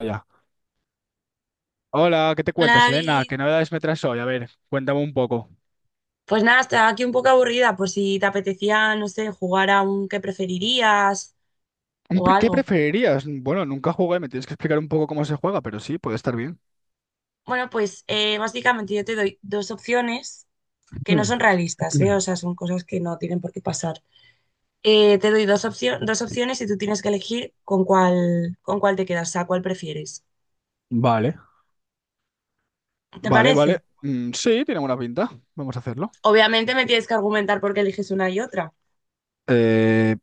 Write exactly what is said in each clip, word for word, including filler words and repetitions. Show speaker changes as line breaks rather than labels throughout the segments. Ya. Hola, ¿qué te cuentas,
Hola
Elena?
David.
¿Qué novedades me traes hoy? A ver, cuéntame un poco.
Pues nada, estaba aquí un poco aburrida, por si te apetecía, no sé, jugar a un qué preferirías
Un
o
pre- ¿Qué
algo.
preferirías? Bueno, nunca jugué, me tienes que explicar un poco cómo se juega, pero sí, puede estar bien.
Bueno, pues eh, básicamente yo te doy dos opciones que no
Mm,
son realistas, ¿eh? O
mm.
sea, son cosas que no tienen por qué pasar. Eh, te doy dos opcio- dos opciones y tú tienes que elegir con cuál, con cuál te quedas, o sea, cuál prefieres.
Vale.
¿Te
Vale, vale.
parece?
Mm, sí, tiene buena pinta. Vamos a hacerlo.
Obviamente me tienes que argumentar por qué eliges una y otra.
Eh,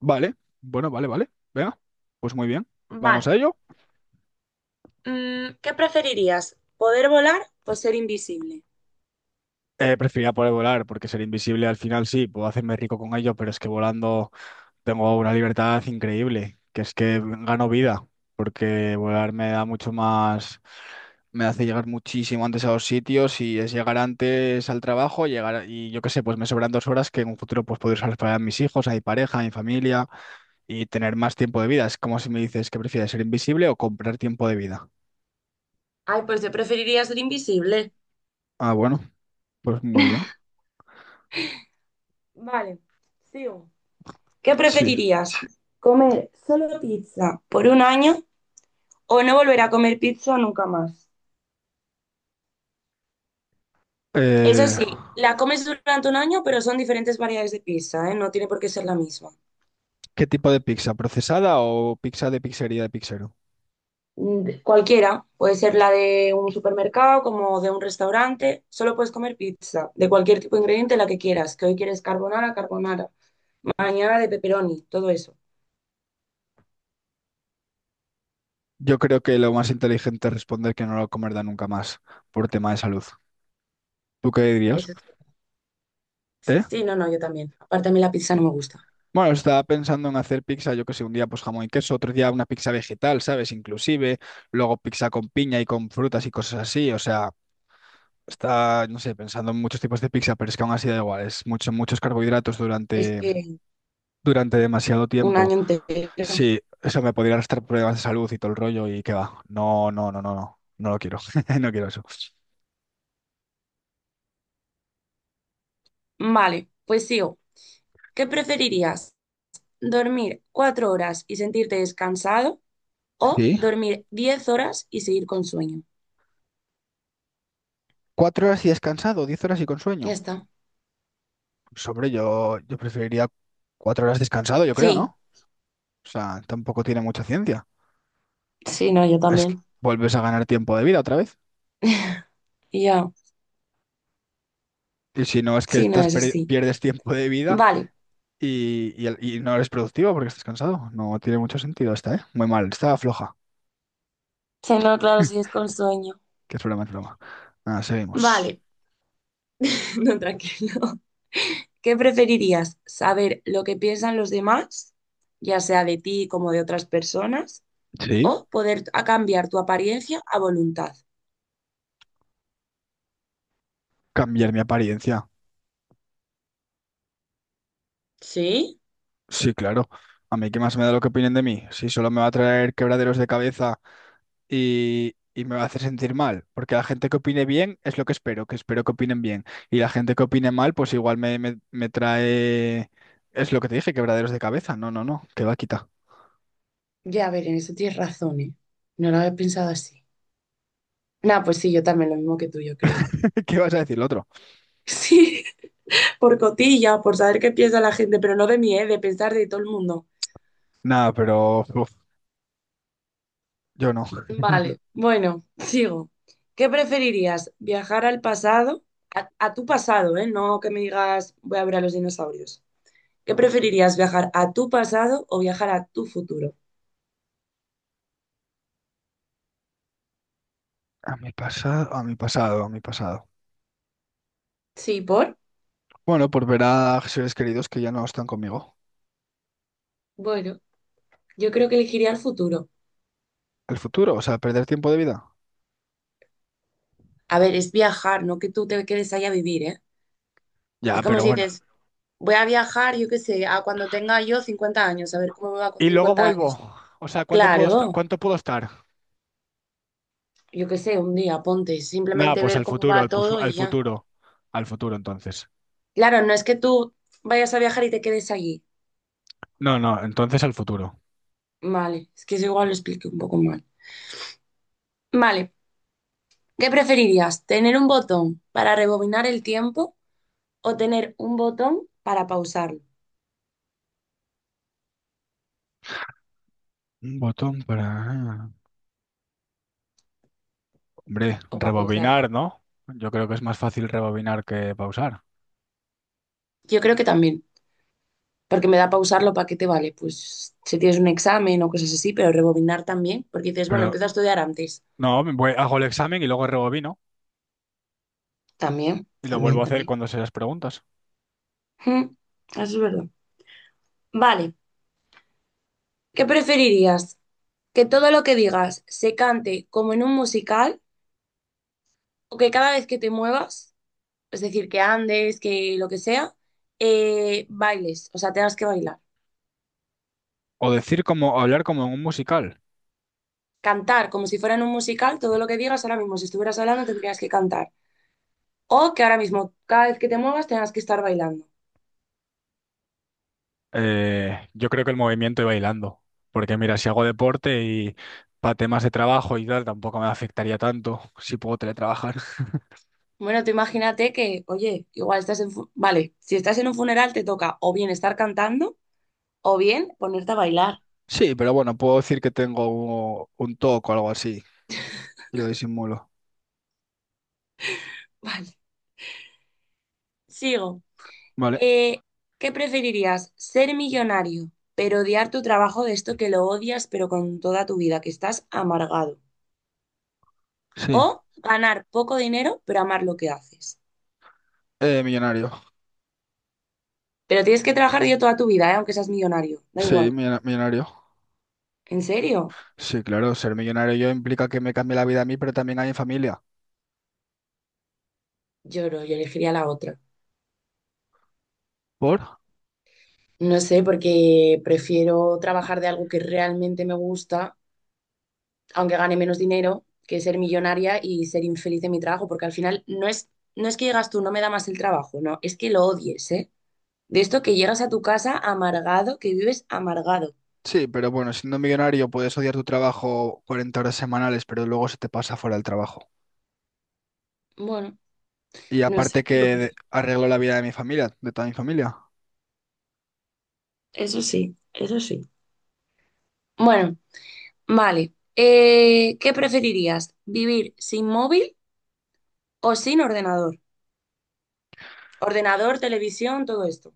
vale. Bueno, vale, vale. Venga. Pues muy bien. Vamos
Vale.
a ello.
Mm, ¿qué preferirías? ¿Poder volar o ser invisible?
Eh, preferiría poder volar, porque ser invisible al final sí, puedo hacerme rico con ello, pero es que volando tengo una libertad increíble, que es que gano vida, porque volar me da mucho más. Me hace llegar muchísimo antes a los sitios y es llegar antes al trabajo, llegar a- y yo qué sé, pues me sobran dos horas que en un futuro pues puedo usarlas para mis hijos, a mi pareja, a mi familia y tener más tiempo de vida. Es como si me dices que prefieres ser invisible o comprar tiempo de vida.
Ay, pues yo preferiría ser invisible.
Ah, bueno, pues muy bien.
Vale, sigo. ¿Qué
Sí.
preferirías? ¿Comer solo pizza por un año o no volver a comer pizza nunca más? Eso
Eh,
sí, la comes durante un año, pero son diferentes variedades de pizza, ¿eh? No tiene por qué ser la misma.
¿qué tipo de pizza? ¿Procesada o pizza de pizzería de pizzero?
Mm, de- Cualquiera, puede ser la de un supermercado, como de un restaurante, solo puedes comer pizza, de cualquier tipo de ingrediente, la que quieras, que hoy quieres carbonara, carbonara, mañana de pepperoni, todo eso.
Yo creo que lo más inteligente es responder que no lo comerá nunca más por tema de salud. ¿Tú qué dirías?
Eso es-
¿Eh?
Sí, no, no, yo también. Aparte a mí la pizza no me gusta.
Bueno, estaba pensando en hacer pizza, yo que sé, un día pues jamón y queso, otro día una pizza vegetal, ¿sabes? Inclusive, luego pizza con piña y con frutas y cosas así, o sea, está, no sé, pensando en muchos tipos de pizza, pero es que aún así da igual, es mucho, muchos carbohidratos
Es
durante,
que
durante demasiado
un
tiempo.
año entero.
Sí, eso me podría arrastrar problemas de salud y todo el rollo y qué va. No, no, no, no, no, no lo quiero, no quiero eso.
Vale, pues sigo. ¿Qué preferirías? ¿Dormir cuatro horas y sentirte descansado o
Sí,
dormir diez horas y seguir con sueño?
cuatro horas y descansado, diez horas y con
Ya
sueño.
está.
Sobre yo, yo preferiría cuatro horas descansado, yo creo, ¿no?
Sí,
O sea, tampoco tiene mucha ciencia.
sí, no, yo
Es que
también.
vuelves a ganar tiempo de vida otra vez.
Y ya,
Y si no, es que
sí, no,
estás
eso
per-
sí.
pierdes tiempo de vida
Vale.
y, y el- y no eres productivo porque estás cansado. No tiene mucho sentido esta, ¿eh? Muy mal, está floja.
Sí, no, claro, sí es con sueño.
Que es broma, es broma. Nada, seguimos.
Vale, no, tranquilo. ¿Qué preferirías? ¿Saber lo que piensan los demás, ya sea de ti como de otras personas,
Sí,
o poder a cambiar tu apariencia a voluntad?
cambiar mi apariencia.
Sí.
Sí, claro. A mí qué más me da lo que opinen de mí. Si solo me va a traer quebraderos de cabeza y, y me va a hacer sentir mal, porque la gente que opine bien es lo que espero, que espero que opinen bien. Y la gente que opine mal, pues igual me, me, me trae, es lo que te dije, quebraderos de cabeza. No, no, no, que va, quita.
Ya, a ver, en eso tienes razón, ¿eh? No lo había pensado así. Nah, pues sí, yo también, lo mismo que tú, yo creo.
¿Qué vas a decir lo otro?
Sí, por cotilla, por saber qué piensa la gente, pero no de mí, ¿eh? De pensar de todo el mundo.
Nada, pero uf, yo no.
Vale, bueno, sigo. ¿Qué preferirías? ¿Viajar al pasado? A, a tu pasado, ¿eh? No que me digas, voy a ver a los dinosaurios. ¿Qué preferirías? ¿Viajar a tu pasado o viajar a tu futuro?
A mi pasado, a mi pasado, a mi pasado.
Sí, ¿por?
Bueno, por ver a seres queridos que ya no están conmigo.
Bueno, yo creo que elegiría el futuro.
El futuro, o sea, perder tiempo de vida.
A ver, es viajar, no que tú te quedes ahí a vivir, ¿eh? Es
Ya,
como
pero
si
bueno.
dices, voy a viajar, yo qué sé, a cuando tenga yo cincuenta años, a ver cómo me va con
Y luego
cincuenta años.
vuelvo. O sea, ¿cuánto puedo, est-
Claro,
¿cuánto puedo estar?
yo qué sé, un día, ponte,
Nada,
simplemente
pues
ver
al
cómo
futuro,
va
al, pusu-
todo
al
y ya.
futuro, al futuro entonces.
Claro, no es que tú vayas a viajar y te quedes allí.
No, no, entonces al futuro.
Vale, es que eso igual lo expliqué un poco mal. Vale, ¿qué preferirías? ¿Tener un botón para rebobinar el tiempo o tener un botón para pausarlo
Un botón para... ah, Hombre,
o para pausarlo?
rebobinar, ¿no? Yo creo que es más fácil rebobinar que pausar.
Yo creo que también, porque me da pausarlo, ¿para qué te vale? Pues si tienes un examen o cosas así, pero rebobinar también, porque dices, bueno,
Pero
empiezo a estudiar antes.
no, me voy- hago el examen y luego rebobino
También,
y lo vuelvo
también,
a hacer
también.
cuando se las preguntas.
Mm, Eso es verdad. Vale, ¿qué preferirías? ¿Que todo lo que digas se cante como en un musical o que cada vez que te muevas, es decir, que andes, que lo que sea, eh, bailes, o sea, tengas que bailar?
O decir como, o hablar como en un musical.
Cantar como si fuera en un musical, todo lo que digas ahora mismo, si estuvieras hablando, tendrías que cantar. O que ahora mismo, cada vez que te muevas, tengas que estar bailando.
Eh, yo creo que el movimiento y bailando. Porque mira, si hago deporte y para temas de trabajo y tal, tampoco me afectaría tanto si puedo teletrabajar.
Bueno, tú imagínate que, oye, igual estás en fu- vale, si estás en un funeral te toca o bien estar cantando o bien ponerte a bailar.
Sí, pero bueno, puedo decir que tengo un, un T O C o algo así y lo disimulo.
Vale, sigo.
Vale,
Eh, ¿qué preferirías? ¿Ser millonario, pero odiar tu trabajo de esto que lo odias, pero con toda tu vida, que estás amargado?
sí.
¿O ganar poco dinero, pero amar lo que haces?
Eh, millonario.
Pero tienes que trabajar yo toda tu vida, ¿eh? Aunque seas millonario, da
Sí,
igual.
millona- millonario.
¿En serio?
Sí, claro, ser millonario yo implica que me cambie la vida a mí, pero también a mi familia.
Lloro, yo elegiría la otra.
¿Por?
No sé, porque prefiero trabajar de algo que realmente me gusta aunque gane menos dinero, que ser millonaria y ser infeliz en mi trabajo, porque al final no es, no es que llegas tú, no me da más el trabajo, no, es que lo odies, ¿eh? De esto que llegas a tu casa amargado, que vives amargado.
Sí, pero bueno, siendo millonario puedes odiar tu trabajo cuarenta horas semanales, pero luego se te pasa fuera del trabajo.
Bueno,
Y
no
aparte
sé,
que
yo
de-
pref-
arreglo la vida de mi familia, de toda mi familia.
eso sí, eso sí. Bueno, vale. Eh, ¿qué preferirías? ¿Vivir sin móvil o sin ordenador? Ordenador, televisión, todo esto.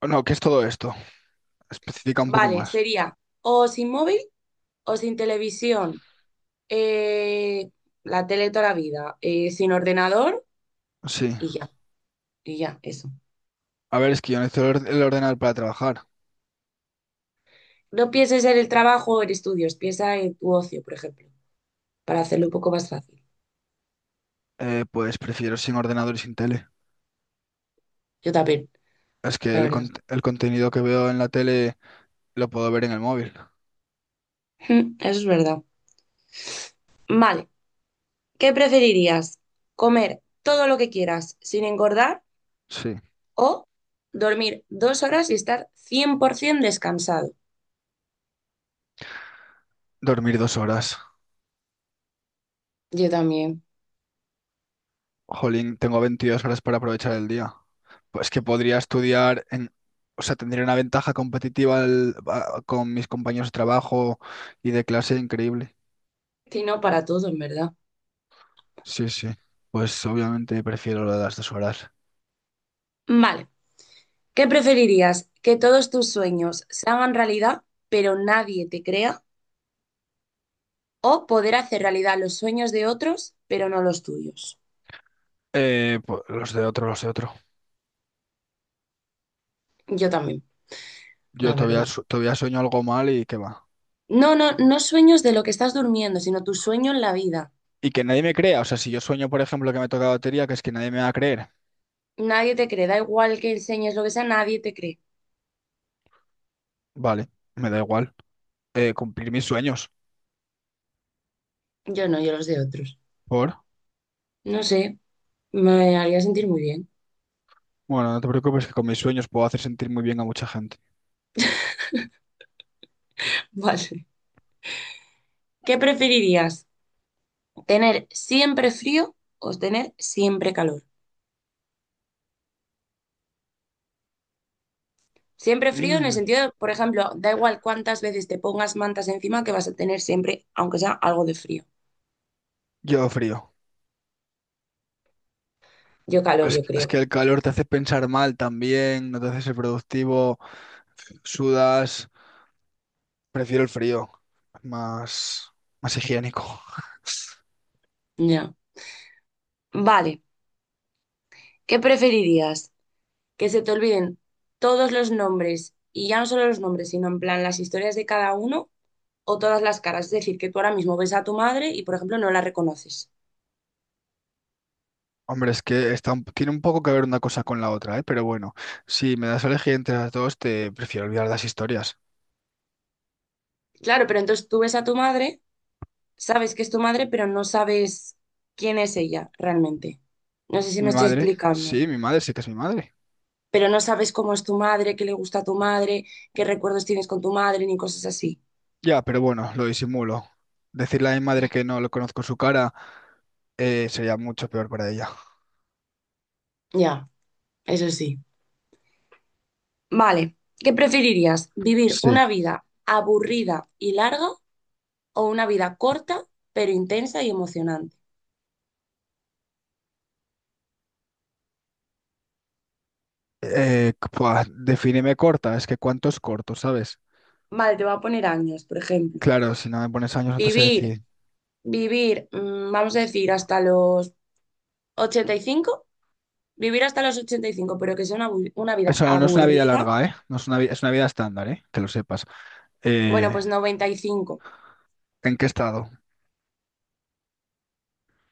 O no, ¿qué es todo esto? Especifica un poco
Vale,
más.
sería o sin móvil o sin televisión, eh, la tele toda la vida, eh, sin ordenador
Sí.
y ya, y ya, eso.
A ver, es que yo necesito el or- el ordenador para trabajar.
No pienses en el trabajo o en estudios, piensa en tu ocio, por ejemplo, para hacerlo un poco más fácil.
Eh, pues prefiero sin ordenador y sin tele.
Yo también,
Es que
la
el,
verdad.
cont- el contenido que veo en la tele lo puedo ver en el móvil.
Mm, Eso es verdad. Vale, ¿qué preferirías? ¿Comer todo lo que quieras sin engordar
Sí.
o dormir dos horas y estar cien por ciento descansado?
Dormir dos horas.
Yo también.
Jolín, tengo veintidós horas para aprovechar el día. Pues que podría estudiar en... O sea, tendría una ventaja competitiva al- a- con mis compañeros de trabajo y de clase increíble.
Si no, para todo, en verdad.
Sí, sí. Pues obviamente prefiero lo de las dos horas.
Vale. ¿Qué preferirías? ¿Que todos tus sueños se hagan realidad, pero nadie te crea? ¿O poder hacer realidad los sueños de otros, pero no los tuyos?
Eh, pues los de otro, los de otro.
Yo también,
Yo
la
todavía,
verdad.
su- todavía sueño algo mal y qué va.
No, no, no sueños de lo que estás durmiendo, sino tu sueño en la vida.
Y que nadie me crea. O sea, si yo sueño, por ejemplo, que me toca la lotería, que es que nadie me va a creer.
Nadie te cree, da igual que enseñes lo que sea, nadie te cree.
Vale, me da igual. Eh, cumplir mis sueños.
Yo no, yo los de otros.
¿Por?
No sé, me haría sentir muy bien.
Bueno, no te preocupes que con mis sueños puedo hacer sentir muy bien a mucha gente.
Vale. ¿Qué preferirías? ¿Tener siempre frío o tener siempre calor? Siempre frío en el
Mm.
sentido, de, por ejemplo, da igual cuántas veces te pongas mantas encima que vas a tener siempre, aunque sea algo de frío.
Yo frío.
Yo calor,
Es,
yo
es
creo.
que el calor te hace pensar mal también, no te hace ser productivo, sudas. Prefiero el frío, más, más higiénico.
Ya. Vale. ¿Qué preferirías? ¿Que se te olviden todos los nombres y ya no solo los nombres, sino en plan las historias de cada uno o todas las caras? Es decir, que tú ahora mismo ves a tu madre y, por ejemplo, no la reconoces.
Hombre, es que está un- tiene un poco que ver una cosa con la otra, ¿eh? Pero bueno, si me das a elegir entre las dos, te prefiero olvidar las historias.
Claro, pero entonces tú ves a tu madre, sabes que es tu madre, pero no sabes quién es ella realmente. No sé si
Mi
me estoy
madre,
explicando.
sí, mi madre sí que es mi madre.
Pero no sabes cómo es tu madre, qué le gusta a tu madre, qué recuerdos tienes con tu madre, ni cosas así.
Ya, pero bueno, lo disimulo. Decirle a mi madre que no lo conozco su cara eh, sería mucho peor para ella.
Ya, eso sí. Vale, ¿qué preferirías? ¿Vivir
Sí.
una vida aburrida y larga o una vida corta, pero intensa y emocionante?
Eh, pua, defíneme corta, es que cuánto es corto, ¿sabes?
Vale, te voy a poner años, por ejemplo.
Claro, si no me pones años no te sé
Vivir,
decir.
vivir, mm, vamos a decir, hasta los ochenta y cinco. Vivir hasta los ochenta y cinco, pero que sea una, abu- una vida
Eso no es una vida
aburrida.
larga, ¿eh? No es una, vi- es una vida estándar, ¿eh? Que lo sepas.
Bueno,
Eh,
pues noventa y cinco.
¿en qué estado?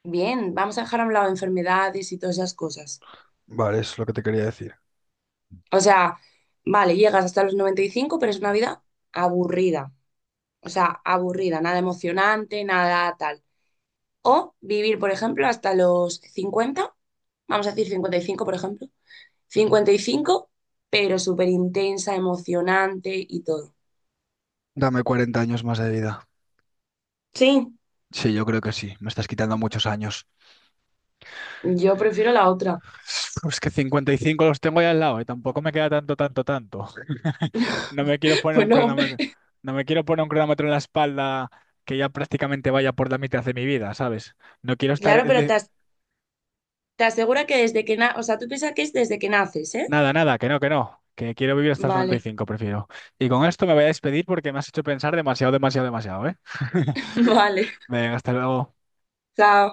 Bien, vamos a dejar a un lado enfermedades y todas esas cosas.
Vale, eso es lo que te quería decir.
O sea, vale, llegas hasta los noventa y cinco, pero es una vida aburrida. O sea, aburrida, nada emocionante, nada tal. O vivir, por ejemplo, hasta los cincuenta, vamos a decir cincuenta y cinco, por ejemplo. Cincuenta y cinco, pero súper intensa, emocionante y todo.
Dame cuarenta años más de vida.
Sí,
Sí, yo creo que sí. Me estás quitando muchos años.
yo prefiero la otra.
Pues que cincuenta y cinco los tengo ya al lado y tampoco me queda tanto, tanto, tanto. No me quiero poner
Pues
un
no,
cronómetro, no me quiero poner un cronómetro en la espalda que ya prácticamente vaya por la mitad de mi vida, ¿sabes? No quiero estar
claro, pero te, as- te asegura que desde que na, o sea, tú piensas que es desde que naces, ¿eh?
Nada, nada, que no, que no, que quiero vivir hasta los noventa y
Vale,
cinco prefiero. Y con esto me voy a despedir porque me has hecho pensar demasiado, demasiado, demasiado, ¿eh?
vale.
Venga, hasta luego.
Chao.